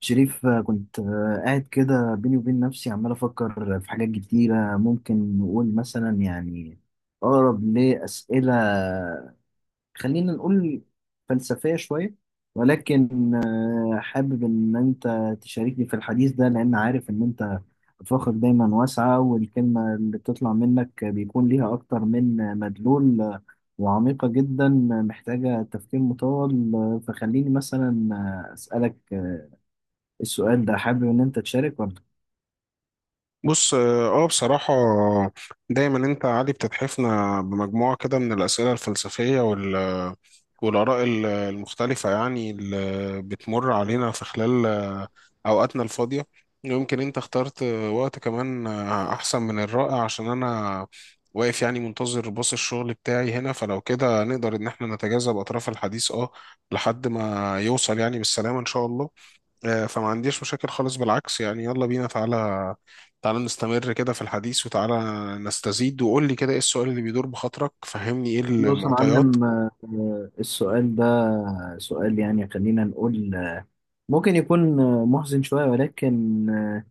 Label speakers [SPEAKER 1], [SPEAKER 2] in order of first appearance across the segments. [SPEAKER 1] شريف، كنت قاعد كده بيني وبين نفسي عمال أفكر في حاجات كتيرة. ممكن نقول مثلا يعني أقرب لأسئلة، خلينا نقول فلسفية شوية، ولكن حابب إن أنت تشاركني في الحديث ده، لأن عارف إن أنت أفاقك دايما واسعة والكلمة اللي بتطلع منك بيكون ليها أكتر من مدلول، وعميقة جدا، محتاجة تفكير مطول. فخليني مثلا أسألك السؤال ده. حابب ان انت تشارك ولا؟
[SPEAKER 2] بص بصراحة دايما انت عادي بتتحفنا بمجموعة كده من الأسئلة الفلسفية والآراء المختلفة يعني اللي بتمر علينا في خلال أوقاتنا الفاضية. يمكن أنت اخترت وقت كمان أحسن من الرائع، عشان أنا واقف يعني منتظر باص الشغل بتاعي هنا، فلو كده نقدر إن احنا نتجاذب أطراف الحديث لحد ما يوصل يعني بالسلامة إن شاء الله. فما عنديش مشاكل خالص، بالعكس يعني يلا بينا. تعالى تعالى نستمر كده في الحديث، وتعالى نستزيد، وقول لي كده ايه السؤال اللي بيدور بخاطرك، فهمني ايه
[SPEAKER 1] بص يا
[SPEAKER 2] المعطيات.
[SPEAKER 1] معلم، السؤال ده سؤال يعني خلينا نقول ممكن يكون محزن شوية، ولكن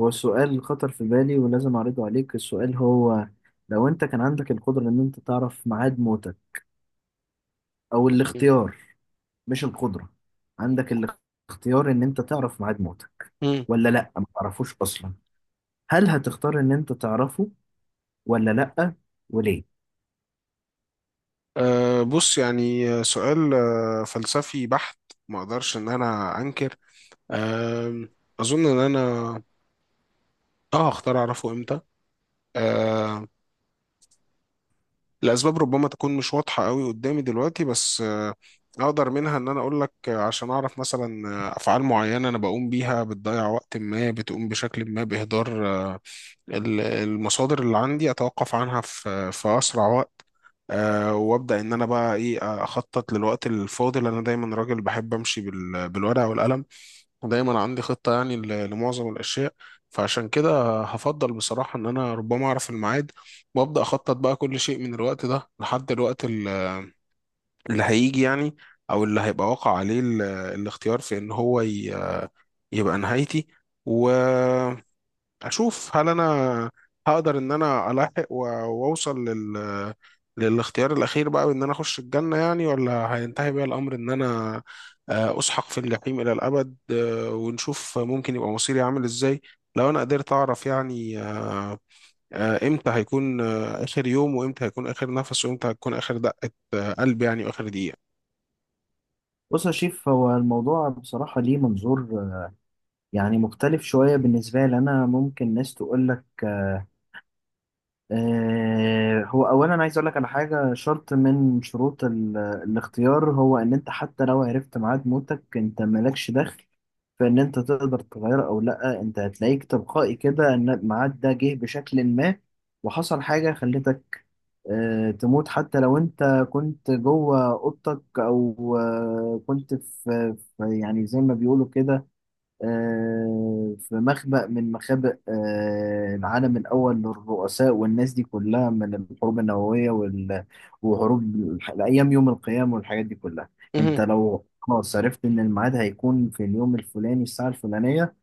[SPEAKER 1] هو السؤال خطر في بالي ولازم اعرضه عليك. السؤال هو لو انت كان عندك القدرة ان انت تعرف ميعاد موتك، او الاختيار، مش القدرة، عندك الاختيار ان انت تعرف ميعاد موتك
[SPEAKER 2] مم.
[SPEAKER 1] ولا لا ما تعرفوش اصلا. هل هتختار ان انت تعرفه ولا لا؟ وليه؟
[SPEAKER 2] بص يعني سؤال فلسفي بحت. ما اقدرش ان انا انكر. أه اظن ان انا اه هختار اعرفه امتى. آه، الأسباب ربما تكون مش واضحة قوي قدامي دلوقتي، بس أقدر منها إن أنا أقول لك عشان أعرف مثلا أفعال معينة أنا بقوم بيها بتضيع وقت، ما بتقوم بشكل ما بإهدار المصادر اللي عندي، أتوقف عنها في أسرع وقت. وابدا ان انا بقى ايه، اخطط للوقت الفاضل. انا دايما راجل بحب امشي بالورقه والقلم. دايما عندي خطة يعني لمعظم الأشياء. فعشان كده هفضل بصراحة إن أنا ربما أعرف الميعاد، وأبدأ أخطط بقى كل شيء من الوقت ده لحد الوقت اللي هيجي يعني، أو اللي هيبقى واقع عليه الاختيار في إن هو يبقى نهايتي. و اشوف هل انا هقدر ان انا الحق واوصل للاختيار الاخير بقى، وان انا اخش الجنه يعني، ولا هينتهي بيا الامر ان انا اسحق في الجحيم الى الابد. ونشوف ممكن يبقى مصيري عامل ازاي لو انا قدرت اعرف يعني، امتى هيكون اخر يوم، وامتى هيكون اخر نفس، وامتى هتكون اخر دقه قلب يعني، واخر دقيقه.
[SPEAKER 1] بص يا شيف، هو الموضوع بصراحة ليه منظور يعني مختلف شوية بالنسبة لي أنا. ممكن ناس تقول لك هو أولا عايز أقول لك على حاجة. شرط من شروط الاختيار هو إن أنت حتى لو عرفت ميعاد موتك أنت مالكش دخل فإن أنت تقدر تغير أو لأ. أنت هتلاقيك تلقائي كده إن الميعاد ده جه بشكل ما وحصل حاجة خلتك تموت، حتى لو انت كنت جوه اوضتك او كنت في يعني زي ما بيقولوا كده في مخبأ من مخابئ العالم الاول للرؤساء والناس دي كلها، من الحروب النووية وحروب ايام يوم القيامة والحاجات دي كلها. انت
[SPEAKER 2] مهم.
[SPEAKER 1] لو خلاص عرفت ان الميعاد هيكون في اليوم الفلاني الساعة الفلانية،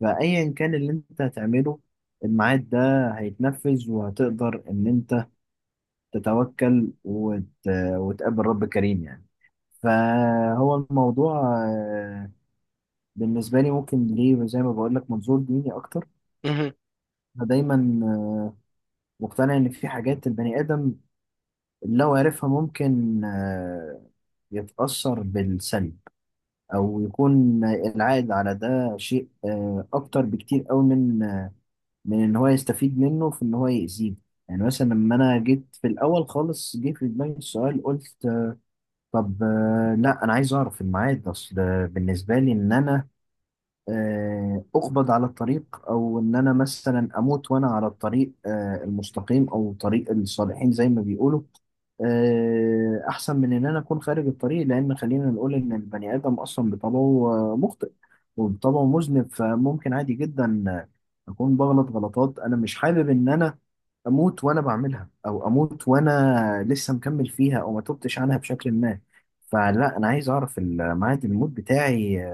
[SPEAKER 1] فايا كان اللي انت هتعمله الميعاد ده هيتنفذ، وهتقدر ان انت تتوكل وتقابل رب كريم يعني. فهو الموضوع بالنسبة لي ممكن ليه زي ما بقول لك منظور ديني أكتر.
[SPEAKER 2] مهم.
[SPEAKER 1] أنا دايما مقتنع إن في حاجات البني آدم لو عرفها ممكن يتأثر بالسلب، أو يكون العائد على ده شيء أكتر بكتير أوي من إن هو يستفيد منه في إن هو يأذيه. يعني مثلا لما أنا جيت في الأول خالص جه في دماغي السؤال قلت طب لا انا عايز اعرف الميعاد. اصل بالنسبه لي ان انا اقبض على الطريق، او ان انا مثلا اموت وانا على الطريق المستقيم او طريق الصالحين زي ما بيقولوا، احسن من ان انا اكون خارج الطريق. لان خلينا نقول ان البني ادم اصلا بطبعه مخطئ وبطبعه مذنب، فممكن عادي جدا اكون بغلط غلطات. انا مش حابب ان انا اموت وانا بعملها، او اموت وانا لسه مكمل فيها او ما تبتش عنها بشكل ما. فلا، انا عايز اعرف ميعاد الموت بتاعي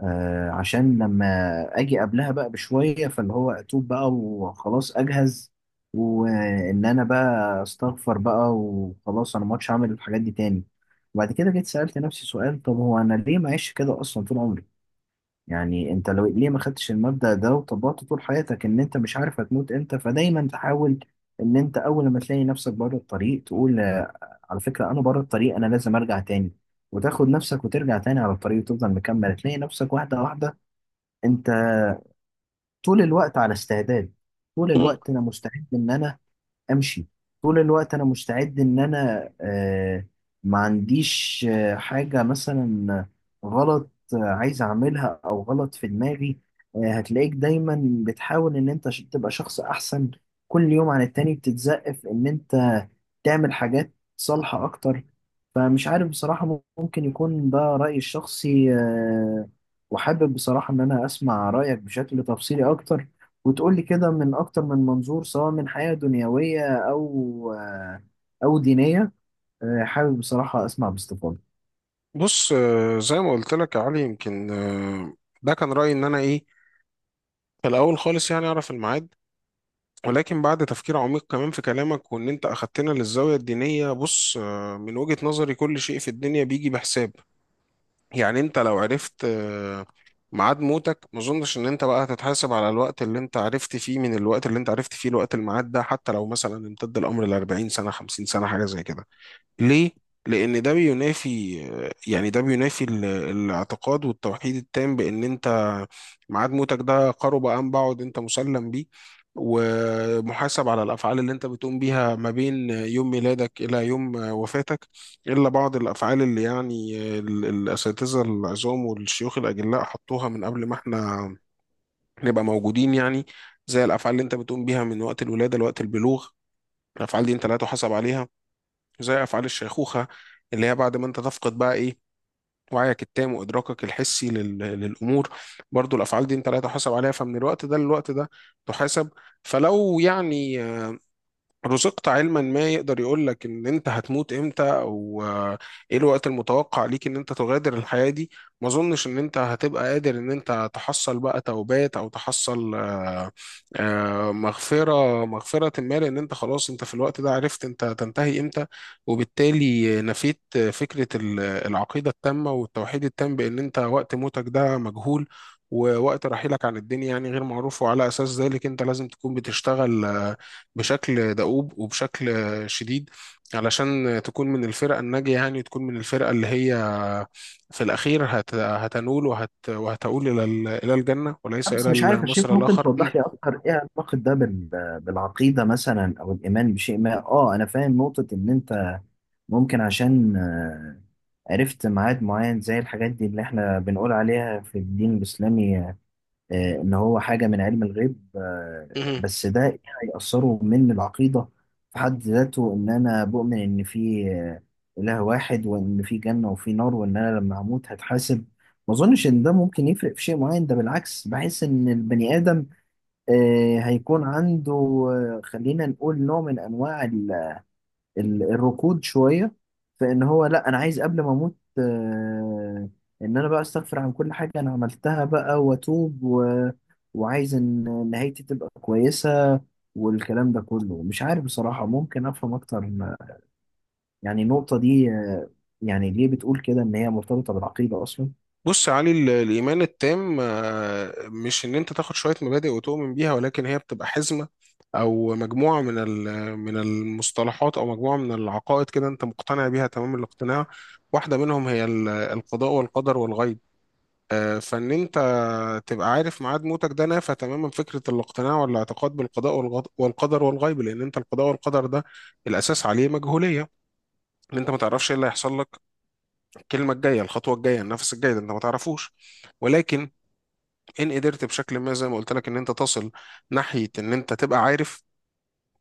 [SPEAKER 1] آه، عشان لما اجي قبلها بقى بشويه فاللي هو اتوب بقى وخلاص اجهز، وان انا بقى استغفر بقى وخلاص انا ما عادش هعمل الحاجات دي تاني. وبعد كده جيت سألت نفسي سؤال، طب هو انا ليه معيش كده اصلا طول عمري؟ يعني انت لو ليه ما خدتش المبدأ ده وطبقته طول حياتك؟ ان انت مش عارف هتموت امتى، فدايما تحاول ان انت اول ما تلاقي نفسك بره الطريق تقول على فكرة انا بره الطريق، انا لازم ارجع تاني. وتاخد نفسك وترجع تاني على الطريق وتفضل مكمل تلاقي نفسك واحدة واحدة. انت طول الوقت على استعداد، طول
[SPEAKER 2] مم.
[SPEAKER 1] الوقت انا مستعد ان انا امشي، طول الوقت انا مستعد ان انا ما عنديش حاجة مثلا غلط عايز اعملها او غلط في دماغي. هتلاقيك دايما بتحاول ان انت تبقى شخص احسن كل يوم عن التاني، بتتزقف في ان انت تعمل حاجات صالحة اكتر. فمش عارف بصراحة، ممكن يكون ده رأيي الشخصي، وحابب بصراحة ان انا اسمع رأيك بشكل تفصيلي اكتر، وتقول لي كده من أكتر من منظور سواء من حياة دنيوية أو أو دينية. حابب بصراحة أسمع باستفاضة.
[SPEAKER 2] بص زي ما قلت لك يا علي، يمكن ده كان رايي ان انا ايه، فالأول خالص يعني أعرف الميعاد. ولكن بعد تفكير عميق كمان في كلامك، وإن أنت أخدتنا للزاوية الدينية، بص من وجهة نظري كل شيء في الدنيا بيجي بحساب. يعني أنت لو عرفت ميعاد موتك، ما أظنش إن أنت بقى هتتحاسب على الوقت اللي أنت عرفت فيه، من الوقت اللي أنت عرفت فيه الوقت الميعاد ده، حتى لو مثلا امتد الأمر ل 40 سنة 50 سنة حاجة زي كده. ليه؟ لأن ده بينافي، يعني ده بينافي الاعتقاد والتوحيد التام بأن أنت ميعاد موتك ده قرب أم بعد، أنت مسلم بيه، ومحاسب على الأفعال اللي أنت بتقوم بيها ما بين يوم ميلادك إلى يوم وفاتك. إلا بعض الأفعال اللي يعني الأساتذة العظام والشيوخ الأجلاء حطوها من قبل ما إحنا نبقى موجودين يعني، زي الأفعال اللي أنت بتقوم بيها من وقت الولادة لوقت البلوغ، الأفعال دي أنت لا تحاسب عليها، زي أفعال الشيخوخة اللي هي بعد ما أنت تفقد بقى إيه، وعيك التام وإدراكك الحسي للأمور، برضو الأفعال دي أنت لا تحاسب عليها، فمن الوقت ده للوقت ده تحاسب. فلو يعني رزقت علما ما يقدر يقول لك ان انت هتموت امتى، او ايه الوقت المتوقع ليك ان انت تغادر الحياة دي، ما اظنش ان انت هتبقى قادر ان انت تحصل بقى توبات، او تحصل مغفرة مغفرة ما، لان انت خلاص انت في الوقت ده عرفت انت تنتهي امتى. وبالتالي نفيت فكرة العقيدة التامة والتوحيد التام بان انت وقت موتك ده مجهول، ووقت رحيلك عن الدنيا يعني غير معروف، وعلى اساس ذلك انت لازم تكون بتشتغل بشكل دؤوب وبشكل شديد، علشان تكون من الفرق الناجية يعني، وتكون من الفرقة اللي هي في الأخير هتنول وهتؤول إلى إلى الجنة، وليس
[SPEAKER 1] بس
[SPEAKER 2] إلى
[SPEAKER 1] مش عارف يا شيخ،
[SPEAKER 2] المصير
[SPEAKER 1] ممكن
[SPEAKER 2] الآخر.
[SPEAKER 1] توضح لي أكتر إيه علاقة ده بالعقيدة مثلا أو الإيمان بشيء ما؟ أه، أنا فاهم نقطة إن أنت ممكن عشان عرفت ميعاد معين زي الحاجات دي اللي إحنا بنقول عليها في الدين الإسلامي، ان هو حاجه من علم الغيب،
[SPEAKER 2] م-
[SPEAKER 1] بس ده إيه هيأثره من العقيده في حد ذاته؟ ان انا بؤمن ان في اله واحد وان في جنه وفي نار وان انا لما هموت هتحاسب، ما اظنش ان ده ممكن يفرق في شيء معين. ده بالعكس بحس ان البني ادم هيكون عنده خلينا نقول نوع من انواع الركود شوية في ان هو لا، انا عايز قبل ما اموت ان انا بقى استغفر عن كل حاجة انا عملتها بقى واتوب وعايز ان نهايتي تبقى كويسة. والكلام ده كله مش عارف بصراحة، ممكن افهم اكتر يعني النقطة دي؟ يعني ليه بتقول كده ان هي مرتبطة بالعقيدة اصلا؟
[SPEAKER 2] بص يا علي، الإيمان التام مش إن أنت تاخد شوية مبادئ وتؤمن بيها، ولكن هي بتبقى حزمة، أو مجموعة من من المصطلحات، أو مجموعة من العقائد كده أنت مقتنع بيها تمام الاقتناع. واحدة منهم هي القضاء والقدر والغيب. فان انت تبقى عارف ميعاد موتك ده نافى تماما فكرة الاقتناع والاعتقاد بالقضاء والقدر والغيب، لأن أنت القضاء والقدر ده الأساس عليه مجهولية، إن أنت ما تعرفش إيه اللي هيحصل لك، الكلمة الجاية الخطوة الجاية النفس الجاي ده أنت ما تعرفوش. ولكن إن قدرت بشكل ما زي ما قلت لك إن أنت تصل ناحية إن أنت تبقى عارف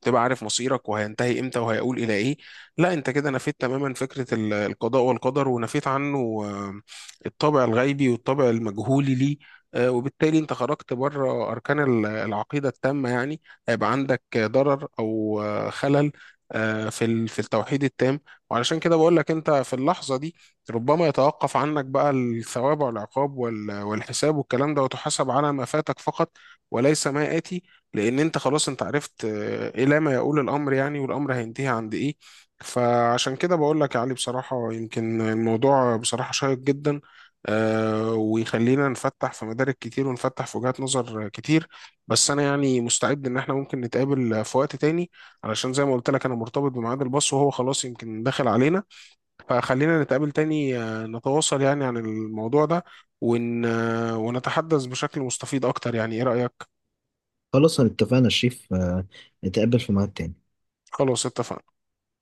[SPEAKER 2] تبقى عارف مصيرك وهينتهي امتى وهيقول الى ايه. لا انت كده نفيت تماما فكره القضاء والقدر، ونفيت عنه آه، الطابع الغيبي والطابع المجهولي ليه. وبالتالي انت خرجت بره اركان العقيده التامه يعني، هيبقى عندك ضرر او خلل في التوحيد التام. وعلشان كده بقول لك انت في اللحظه دي، ربما يتوقف عنك بقى الثواب والعقاب والحساب والكلام ده، وتحاسب على ما فاتك فقط، وليس ما آتي، لان انت خلاص انت عرفت الى ما يقول الامر يعني، والامر هينتهي عند ايه. فعشان كده بقول لك يا علي بصراحه، يمكن الموضوع بصراحه شيق جدا، ويخلينا نفتح في مدارك كتير ونفتح في وجهات نظر كتير. بس انا يعني مستعد ان احنا ممكن نتقابل في وقت تاني، علشان زي ما قلت لك انا مرتبط بميعاد الباص وهو خلاص يمكن داخل علينا. فخلينا نتقابل تاني، نتواصل يعني عن الموضوع ده، ون... آه، ونتحدث بشكل مستفيض اكتر. يعني ايه رأيك؟
[SPEAKER 1] خلاص، أنا اتفقنا يا شريف، نتقابل في ميعاد تاني.
[SPEAKER 2] خلاص اتفقنا.